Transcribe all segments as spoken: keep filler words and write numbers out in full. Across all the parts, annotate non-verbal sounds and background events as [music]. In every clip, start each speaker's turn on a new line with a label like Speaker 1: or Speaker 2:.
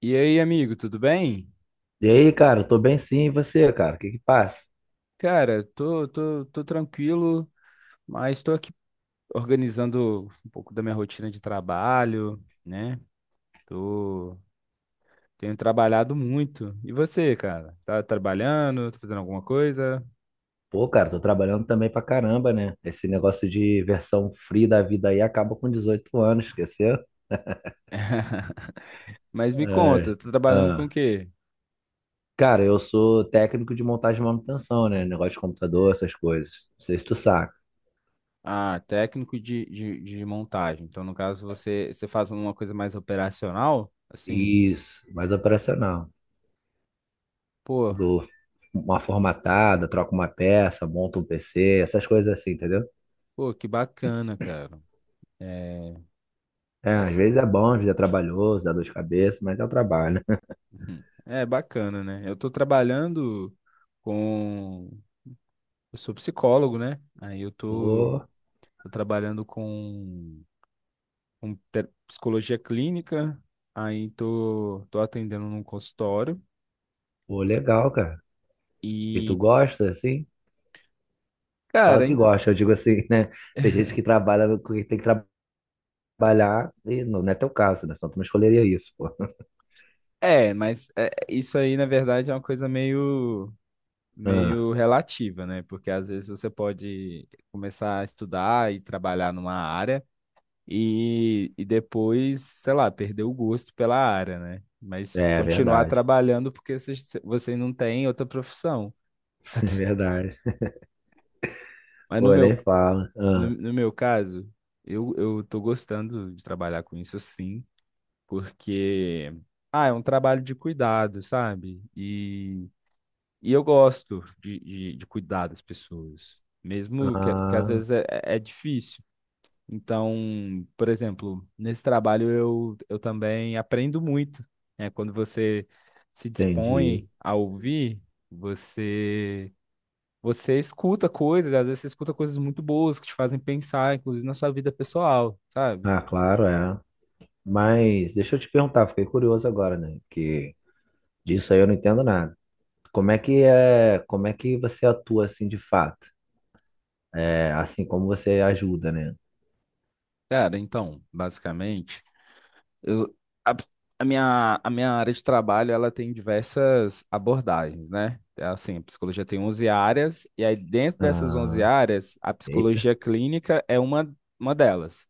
Speaker 1: E aí, amigo, tudo bem?
Speaker 2: E aí, cara, tô bem sim, e você, cara? O que que passa?
Speaker 1: Cara, tô, tô, tô tranquilo, mas tô aqui organizando um pouco da minha rotina de trabalho, né? Tô, tenho trabalhado muito. E você, cara? Tá trabalhando? Tá fazendo alguma coisa?
Speaker 2: Pô, cara, tô trabalhando também pra caramba, né? Esse negócio de versão free da vida aí acaba com dezoito anos, esqueceu?
Speaker 1: [laughs] Mas me conta,
Speaker 2: É.
Speaker 1: tá trabalhando com o
Speaker 2: Ah.
Speaker 1: quê?
Speaker 2: Cara, eu sou técnico de montagem e manutenção, né? Negócio de computador, essas coisas. Não sei se tu saca.
Speaker 1: Ah, técnico de, de, de montagem. Então, no caso, você, você faz uma coisa mais operacional? Assim,
Speaker 2: Isso, mais operacional.
Speaker 1: pô,
Speaker 2: Dou uma formatada, troco uma peça, monto um P C, essas coisas assim, entendeu?
Speaker 1: pô, que bacana, cara. É,
Speaker 2: É, às vezes é
Speaker 1: essa.
Speaker 2: bom, às vezes é trabalhoso, dá dor de cabeça, mas é o trabalho, né?
Speaker 1: Uhum. É bacana, né? Eu tô trabalhando com. Eu sou psicólogo, né? Aí eu
Speaker 2: [laughs]
Speaker 1: tô,
Speaker 2: Pô,
Speaker 1: tô trabalhando com, com te- psicologia clínica, aí tô, tô atendendo num consultório.
Speaker 2: pô, legal, cara. E tu
Speaker 1: E,
Speaker 2: gosta, assim? Claro
Speaker 1: cara,
Speaker 2: que
Speaker 1: em-
Speaker 2: gosta, eu digo assim, [laughs] né? Tem gente que trabalha no que tem que trabalhar, e não, não é teu caso, né? Só tu não escolheria isso, pô. [laughs]
Speaker 1: é, mas é, isso aí, na verdade, é uma coisa meio,
Speaker 2: Ah,
Speaker 1: meio relativa, né? Porque às vezes você pode começar a estudar e trabalhar numa área. E, e depois, sei lá, perder o gosto pela área, né? Mas
Speaker 2: é
Speaker 1: continuar
Speaker 2: verdade,
Speaker 1: trabalhando porque você, você não tem outra profissão. [laughs] Só
Speaker 2: [laughs] é
Speaker 1: tem-
Speaker 2: verdade.
Speaker 1: Mas no
Speaker 2: Pô, eu
Speaker 1: meu,
Speaker 2: nem falo.
Speaker 1: no,
Speaker 2: Ah,
Speaker 1: no meu caso, eu, eu tô gostando de trabalhar com isso sim, porque ah, é um trabalho de cuidado, sabe? E, e eu gosto de, de, de cuidar das pessoas, mesmo que, que às
Speaker 2: ah,
Speaker 1: vezes é, é é difícil. Então, por exemplo, nesse trabalho eu, eu também aprendo muito, né? Quando você se
Speaker 2: entendi.
Speaker 1: dispõe a ouvir, você você escuta coisas, às vezes você escuta coisas muito boas que te fazem pensar, inclusive na sua vida pessoal, sabe?
Speaker 2: Ah, claro, é. Mas deixa eu te perguntar, fiquei curioso agora, né? Que disso aí eu não entendo nada. Como é que é, como é que você atua assim de fato? É, assim como você ajuda, né?
Speaker 1: Cara, então, basicamente. Eu, a, a minha, a minha área de trabalho, ela tem diversas abordagens, né? É assim, a psicologia tem onze áreas, e aí dentro dessas onze
Speaker 2: Ah,
Speaker 1: áreas, a
Speaker 2: eita.
Speaker 1: psicologia clínica é uma, uma delas.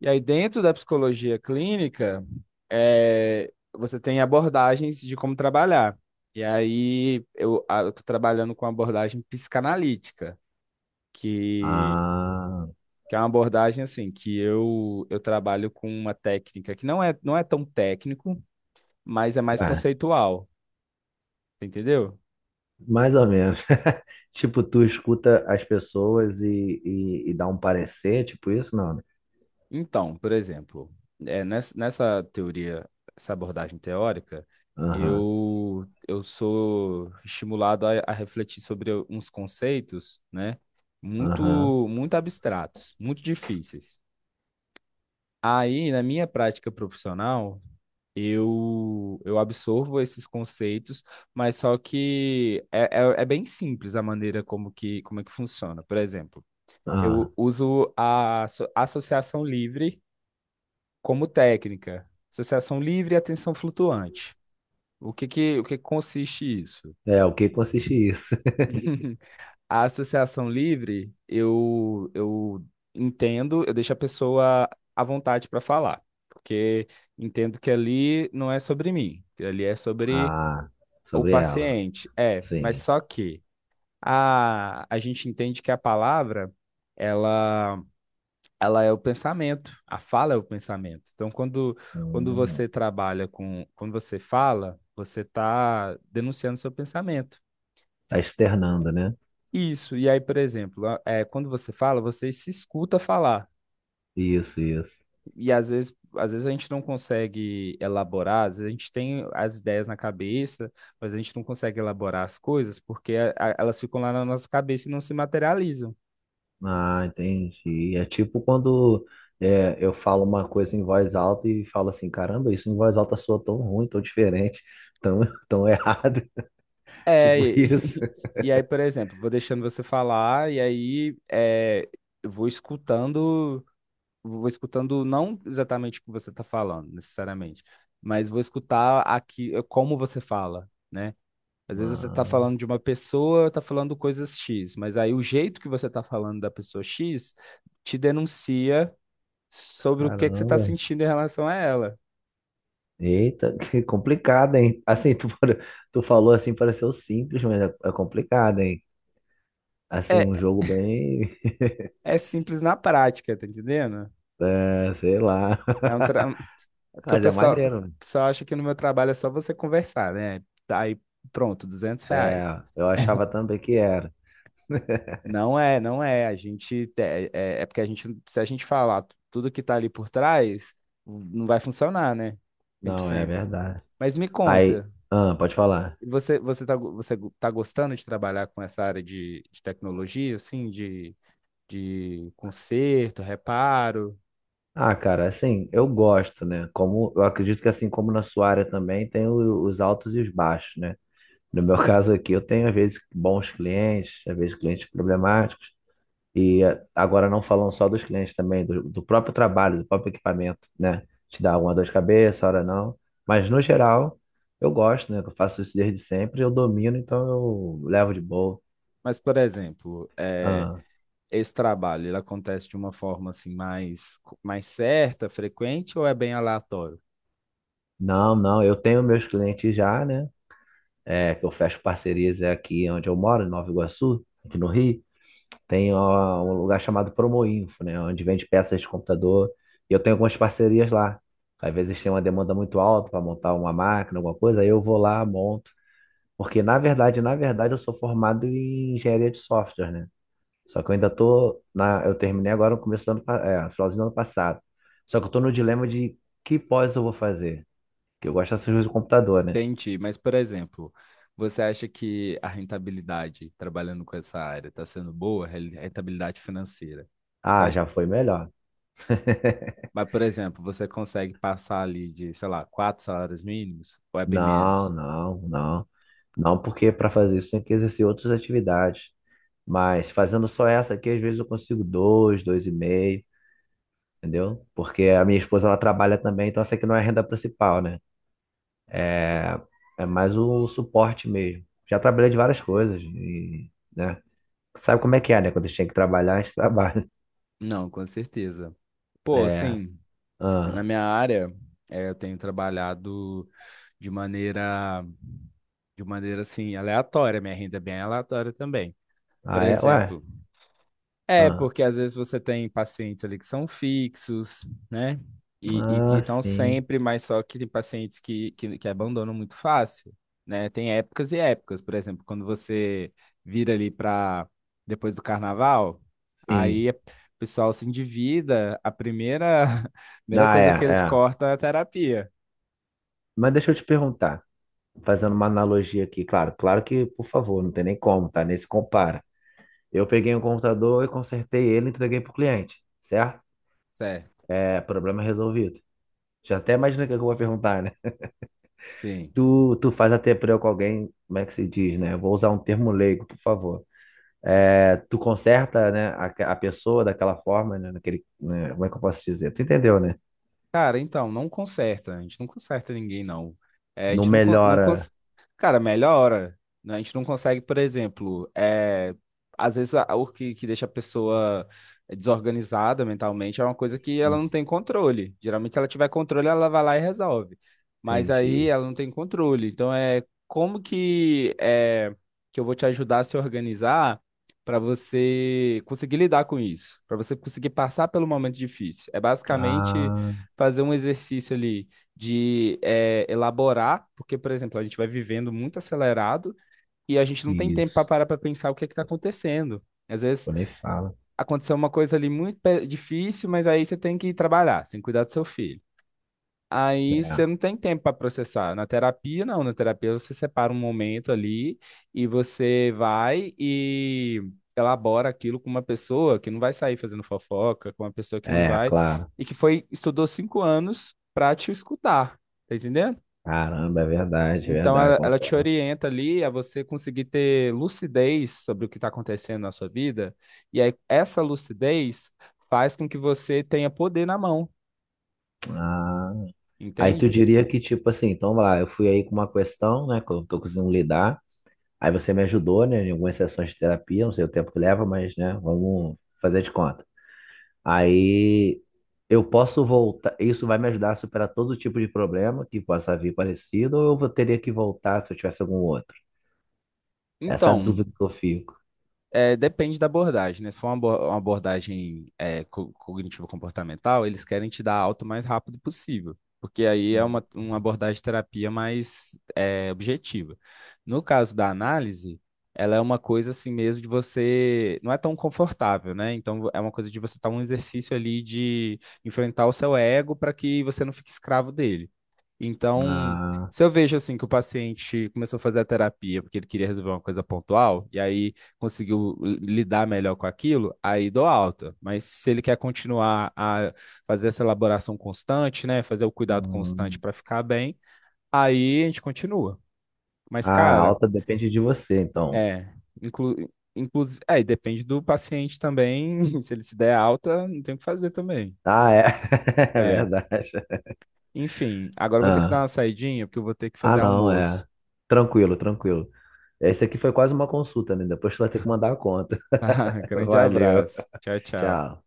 Speaker 1: E aí dentro da psicologia clínica, é, você tem abordagens de como trabalhar. E aí eu, a- eu tô trabalhando com a abordagem psicanalítica, que
Speaker 2: Ah,
Speaker 1: que é uma abordagem assim que eu eu trabalho com uma técnica que não é não é tão técnico, mas é mais
Speaker 2: ué.
Speaker 1: conceitual, entendeu?
Speaker 2: Mais ou menos. [laughs] Tipo, tu escuta as pessoas e, e, e dá um parecer, tipo isso? Não, né?
Speaker 1: Então, por exemplo, é, nessa, nessa teoria, essa abordagem teórica,
Speaker 2: Aham,
Speaker 1: eu, eu sou estimulado a, a refletir sobre uns conceitos, né, muito,
Speaker 2: aham,
Speaker 1: muito abstratos, muito difíceis. Aí, na minha prática profissional, eu, eu absorvo esses conceitos, mas só que é, é, é bem simples a maneira como que, como é que funciona. Por exemplo,
Speaker 2: aham.
Speaker 1: eu uso a asso- associação livre como técnica. Associação livre e atenção flutuante. O que que, o que que consiste isso?
Speaker 2: É, o que consiste isso? [laughs]
Speaker 1: [laughs] A associação livre, eu, eu entendo, eu deixo a pessoa à vontade para falar, porque entendo que ali não é sobre mim, que ali é sobre
Speaker 2: Ah,
Speaker 1: o
Speaker 2: sobre ela.
Speaker 1: paciente. É, mas
Speaker 2: Sim.
Speaker 1: só que a, a gente entende que a palavra, ela ela é o pensamento, a fala é o pensamento. Então, quando, quando
Speaker 2: Hum,
Speaker 1: você trabalha com, quando você fala, você está denunciando seu pensamento.
Speaker 2: tá externando, né?
Speaker 1: Isso, e aí, por exemplo, a- é, quando você fala, você se escuta falar.
Speaker 2: Isso, isso.
Speaker 1: E às vezes, às vezes a gente não consegue elaborar, às vezes a gente tem as ideias na cabeça, mas a gente não consegue elaborar as coisas porque a- a- elas ficam lá na nossa cabeça e não se materializam.
Speaker 2: Ah, entendi. É tipo quando é, eu falo uma coisa em voz alta e falo assim, caramba, isso em voz alta soa tão ruim, tão diferente, tão, [laughs] tão errado. [laughs]
Speaker 1: É,
Speaker 2: Tipo
Speaker 1: e,
Speaker 2: isso.
Speaker 1: [laughs] e aí, por exemplo, vou deixando você falar, e aí é, eu vou escutando, vou escutando não exatamente o que você está falando, necessariamente, mas vou escutar aqui eh, como você fala, né? Às vezes você está
Speaker 2: Ah,
Speaker 1: falando de uma pessoa, está falando coisas X, mas aí o jeito que você está falando da pessoa X te denuncia sobre o que que você está
Speaker 2: caramba.
Speaker 1: sentindo em relação a ela.
Speaker 2: Eita, [laughs] que complicado, hein? Assim, tu, pare- tu falou assim, pareceu simples, mas é, é complicado, hein? Assim, um
Speaker 1: É,
Speaker 2: jogo bem.
Speaker 1: é simples na prática, tá entendendo?
Speaker 2: [laughs] É, sei lá.
Speaker 1: É um, tra-
Speaker 2: [laughs]
Speaker 1: Porque o
Speaker 2: Mas é
Speaker 1: pessoal, o
Speaker 2: maneiro, né?
Speaker 1: pessoal acha que no meu trabalho é só você conversar, né? Tá, aí pronto, duzentos reais.
Speaker 2: É, eu achava também que era.
Speaker 1: Não é, não é. A gente é, é é porque a gente, se a gente falar tudo que tá ali por trás, não vai funcionar, né?
Speaker 2: Não, é
Speaker 1: cem por cento.
Speaker 2: verdade.
Speaker 1: Mas me
Speaker 2: Aí,
Speaker 1: conta,
Speaker 2: ah, pode falar.
Speaker 1: você, você tá, go- você go- tá gostando de trabalhar com essa área de, de tecnologia, assim, de, de conserto, reparo?
Speaker 2: Ah, cara, assim, eu gosto, né? Como eu acredito que assim como na sua área também tem o- os altos e os baixos, né? No meu [laughs] caso aqui, eu tenho às vezes bons clientes, às vezes clientes problemáticos. E eh, agora não falando só dos clientes também, do, do próprio trabalho, do próprio equipamento, né? Te dá uma dor de cabeça, hora não. Mas no geral, eu gosto, né? que Eu faço isso desde sempre, eu domino, então eu levo de boa.
Speaker 1: Mas, por exemplo, é,
Speaker 2: Ah,
Speaker 1: esse trabalho, ele acontece de uma forma assim mais mais certa, frequente ou é bem aleatório?
Speaker 2: não, não, eu tenho meus clientes já, né? É, que eu fecho parcerias é aqui onde eu moro, em Nova Iguaçu, aqui no Rio. Tem ó, um lugar chamado Promoinfo, né? Onde vende peças de computador. E eu tenho algumas parcerias lá. Às vezes tem uma demanda muito alta para montar uma máquina, alguma coisa, aí eu vou lá, monto. Porque, na verdade, na verdade, eu sou formado em engenharia de software, né? Só que eu ainda tô na... Eu terminei agora no começo do ano... pa- É, no finalzinho do ano passado. Só que eu tô no dilema de que pós eu vou fazer. Que eu gosto dessas coisas do computador, né?
Speaker 1: Entendi, mas, por exemplo, você acha que a rentabilidade trabalhando com essa área está sendo boa, Re- rentabilidade financeira? Você
Speaker 2: Ah,
Speaker 1: acha-
Speaker 2: já foi melhor. [laughs]
Speaker 1: Mas, por exemplo, você consegue passar ali de, sei lá, quatro salários mínimos ou é bem
Speaker 2: Não,
Speaker 1: menos?
Speaker 2: não, não. Não, porque para fazer isso tem que exercer outras atividades. Mas fazendo só essa aqui, às vezes eu consigo dois, dois e meio, entendeu? Porque a minha esposa, ela trabalha também, então essa aqui não é a renda principal, né? É, é mais o suporte mesmo. Já trabalhei de várias coisas, e, né? Sabe como é que é, né? Quando a gente tem que trabalhar, a gente trabalha. [laughs]
Speaker 1: Não, com certeza. Pô,
Speaker 2: É,
Speaker 1: assim, na
Speaker 2: ah,
Speaker 1: minha área, eh, eu tenho trabalhado de maneira, de maneira assim, aleatória. Minha renda é bem aleatória também. Por
Speaker 2: ah, é, ué,
Speaker 1: exemplo, é,
Speaker 2: ah,
Speaker 1: porque às vezes você tem pacientes ali que são fixos, né? E, e que
Speaker 2: ah,
Speaker 1: estão
Speaker 2: sim,
Speaker 1: sempre, mas só que tem pacientes que, que, que abandonam muito fácil, né? Tem épocas e épocas. Por exemplo, quando você vira ali para depois do carnaval,
Speaker 2: sim.
Speaker 1: aí o pessoal se endivida, a primeira, [laughs] a primeira
Speaker 2: Ah, é,
Speaker 1: coisa que eles
Speaker 2: é.
Speaker 1: cortam é a terapia,
Speaker 2: Mas deixa eu te perguntar, fazendo uma analogia aqui, claro, claro que, por favor, não tem nem como, tá? Nem se compara. Eu peguei um computador e consertei ele e entreguei pro cliente, certo?
Speaker 1: certo?
Speaker 2: É, problema resolvido. Já até imaginei o que eu vou perguntar, né?
Speaker 1: Sim.
Speaker 2: Tu, tu faz até preu com alguém, como é que se diz, né? Eu vou usar um termo leigo, por favor. É, tu conserta, né, a, a pessoa daquela forma, né, naquele, né, como é que eu posso dizer? Tu entendeu, né?
Speaker 1: Cara, então, não conserta. A gente não conserta ninguém, não. É, a
Speaker 2: Não
Speaker 1: gente não, con- não
Speaker 2: melhora.
Speaker 1: cons... Cara, melhora. Né? A gente não consegue, por exemplo, é, às vezes a- o que, que deixa a pessoa desorganizada mentalmente é uma coisa que ela não
Speaker 2: Isso.
Speaker 1: tem controle. Geralmente, se ela tiver controle, ela vai lá e resolve. Mas aí
Speaker 2: Entendi.
Speaker 1: ela não tem controle. Então, é como que, é, que eu vou te ajudar a se organizar para você conseguir lidar com isso, para você conseguir passar pelo momento difícil. É basicamente
Speaker 2: Ah,
Speaker 1: fazer um exercício ali de eh, elaborar, porque, por exemplo, a gente vai vivendo muito acelerado e a gente não tem tempo para
Speaker 2: isso.
Speaker 1: parar para pensar o que é que está acontecendo. Às vezes
Speaker 2: Eu nem falo.
Speaker 1: aconteceu uma coisa ali muito pe- difícil, mas aí você tem que ir trabalhar, você tem que cuidar do seu filho. Aí você não tem tempo para processar. Na terapia, não. Na terapia, você separa um momento ali e você vai e elabora aquilo com uma pessoa que não vai sair fazendo fofoca, com uma pessoa que
Speaker 2: É,
Speaker 1: não
Speaker 2: é,
Speaker 1: vai
Speaker 2: claro.
Speaker 1: e que foi estudou cinco anos para te escutar, tá entendendo?
Speaker 2: Caramba, é verdade, é
Speaker 1: Então,
Speaker 2: verdade,
Speaker 1: ela, ela te
Speaker 2: concordo.
Speaker 1: orienta ali a você conseguir ter lucidez sobre o que está acontecendo na sua vida. E aí, essa lucidez faz com que você tenha poder na mão,
Speaker 2: Ah, aí tu
Speaker 1: entende?
Speaker 2: diria que, tipo assim, então vai lá, eu fui aí com uma questão, né, que eu tô conseguindo lidar. Aí você me ajudou, né, em algumas sessões de terapia, não sei o tempo que leva, mas, né, vamos fazer de conta. Aí eu posso voltar, isso vai me ajudar a superar todo tipo de problema que possa vir parecido, ou eu vou- teria que voltar se eu tivesse algum outro? Essa é a
Speaker 1: Então.
Speaker 2: dúvida que eu fico.
Speaker 1: É, depende da abordagem, né? Se for uma abo- uma abordagem é, co- cognitivo-comportamental, eles querem te dar alta o mais rápido possível, porque aí é uma, uma abordagem de terapia mais é, objetiva. No caso da análise, ela é uma coisa assim mesmo de você. Não é tão confortável, né? Então é uma coisa de você estar um exercício ali de enfrentar o seu ego para que você não fique escravo dele. Então,
Speaker 2: Ah,
Speaker 1: se eu vejo assim que o paciente começou a fazer a terapia porque ele queria resolver uma coisa pontual e aí conseguiu eh, lidar melhor com aquilo, aí dou alta. Mas se ele quer continuar a fazer essa elaboração constante, né, fazer o cuidado constante
Speaker 2: hum.
Speaker 1: para ficar bem, aí a gente continua. Mas,
Speaker 2: Ah, a
Speaker 1: cara,
Speaker 2: alta depende de você, então.
Speaker 1: é, inclu, inclusive, é, e depende do paciente também. [laughs] Se ele se der alta, não tem o que fazer também.
Speaker 2: Ah, é, [laughs] é
Speaker 1: É,
Speaker 2: verdade.
Speaker 1: enfim, agora eu vou ter que dar
Speaker 2: Ah,
Speaker 1: uma saidinha porque eu vou ter que
Speaker 2: ah,
Speaker 1: fazer
Speaker 2: não,
Speaker 1: almoço.
Speaker 2: é. Tranquilo, tranquilo. Esse aqui foi quase uma consulta, né? Depois tu vai ter que mandar a conta.
Speaker 1: [laughs]
Speaker 2: [laughs]
Speaker 1: Grande
Speaker 2: Valeu,
Speaker 1: abraço. Tchau, tchau.
Speaker 2: tchau.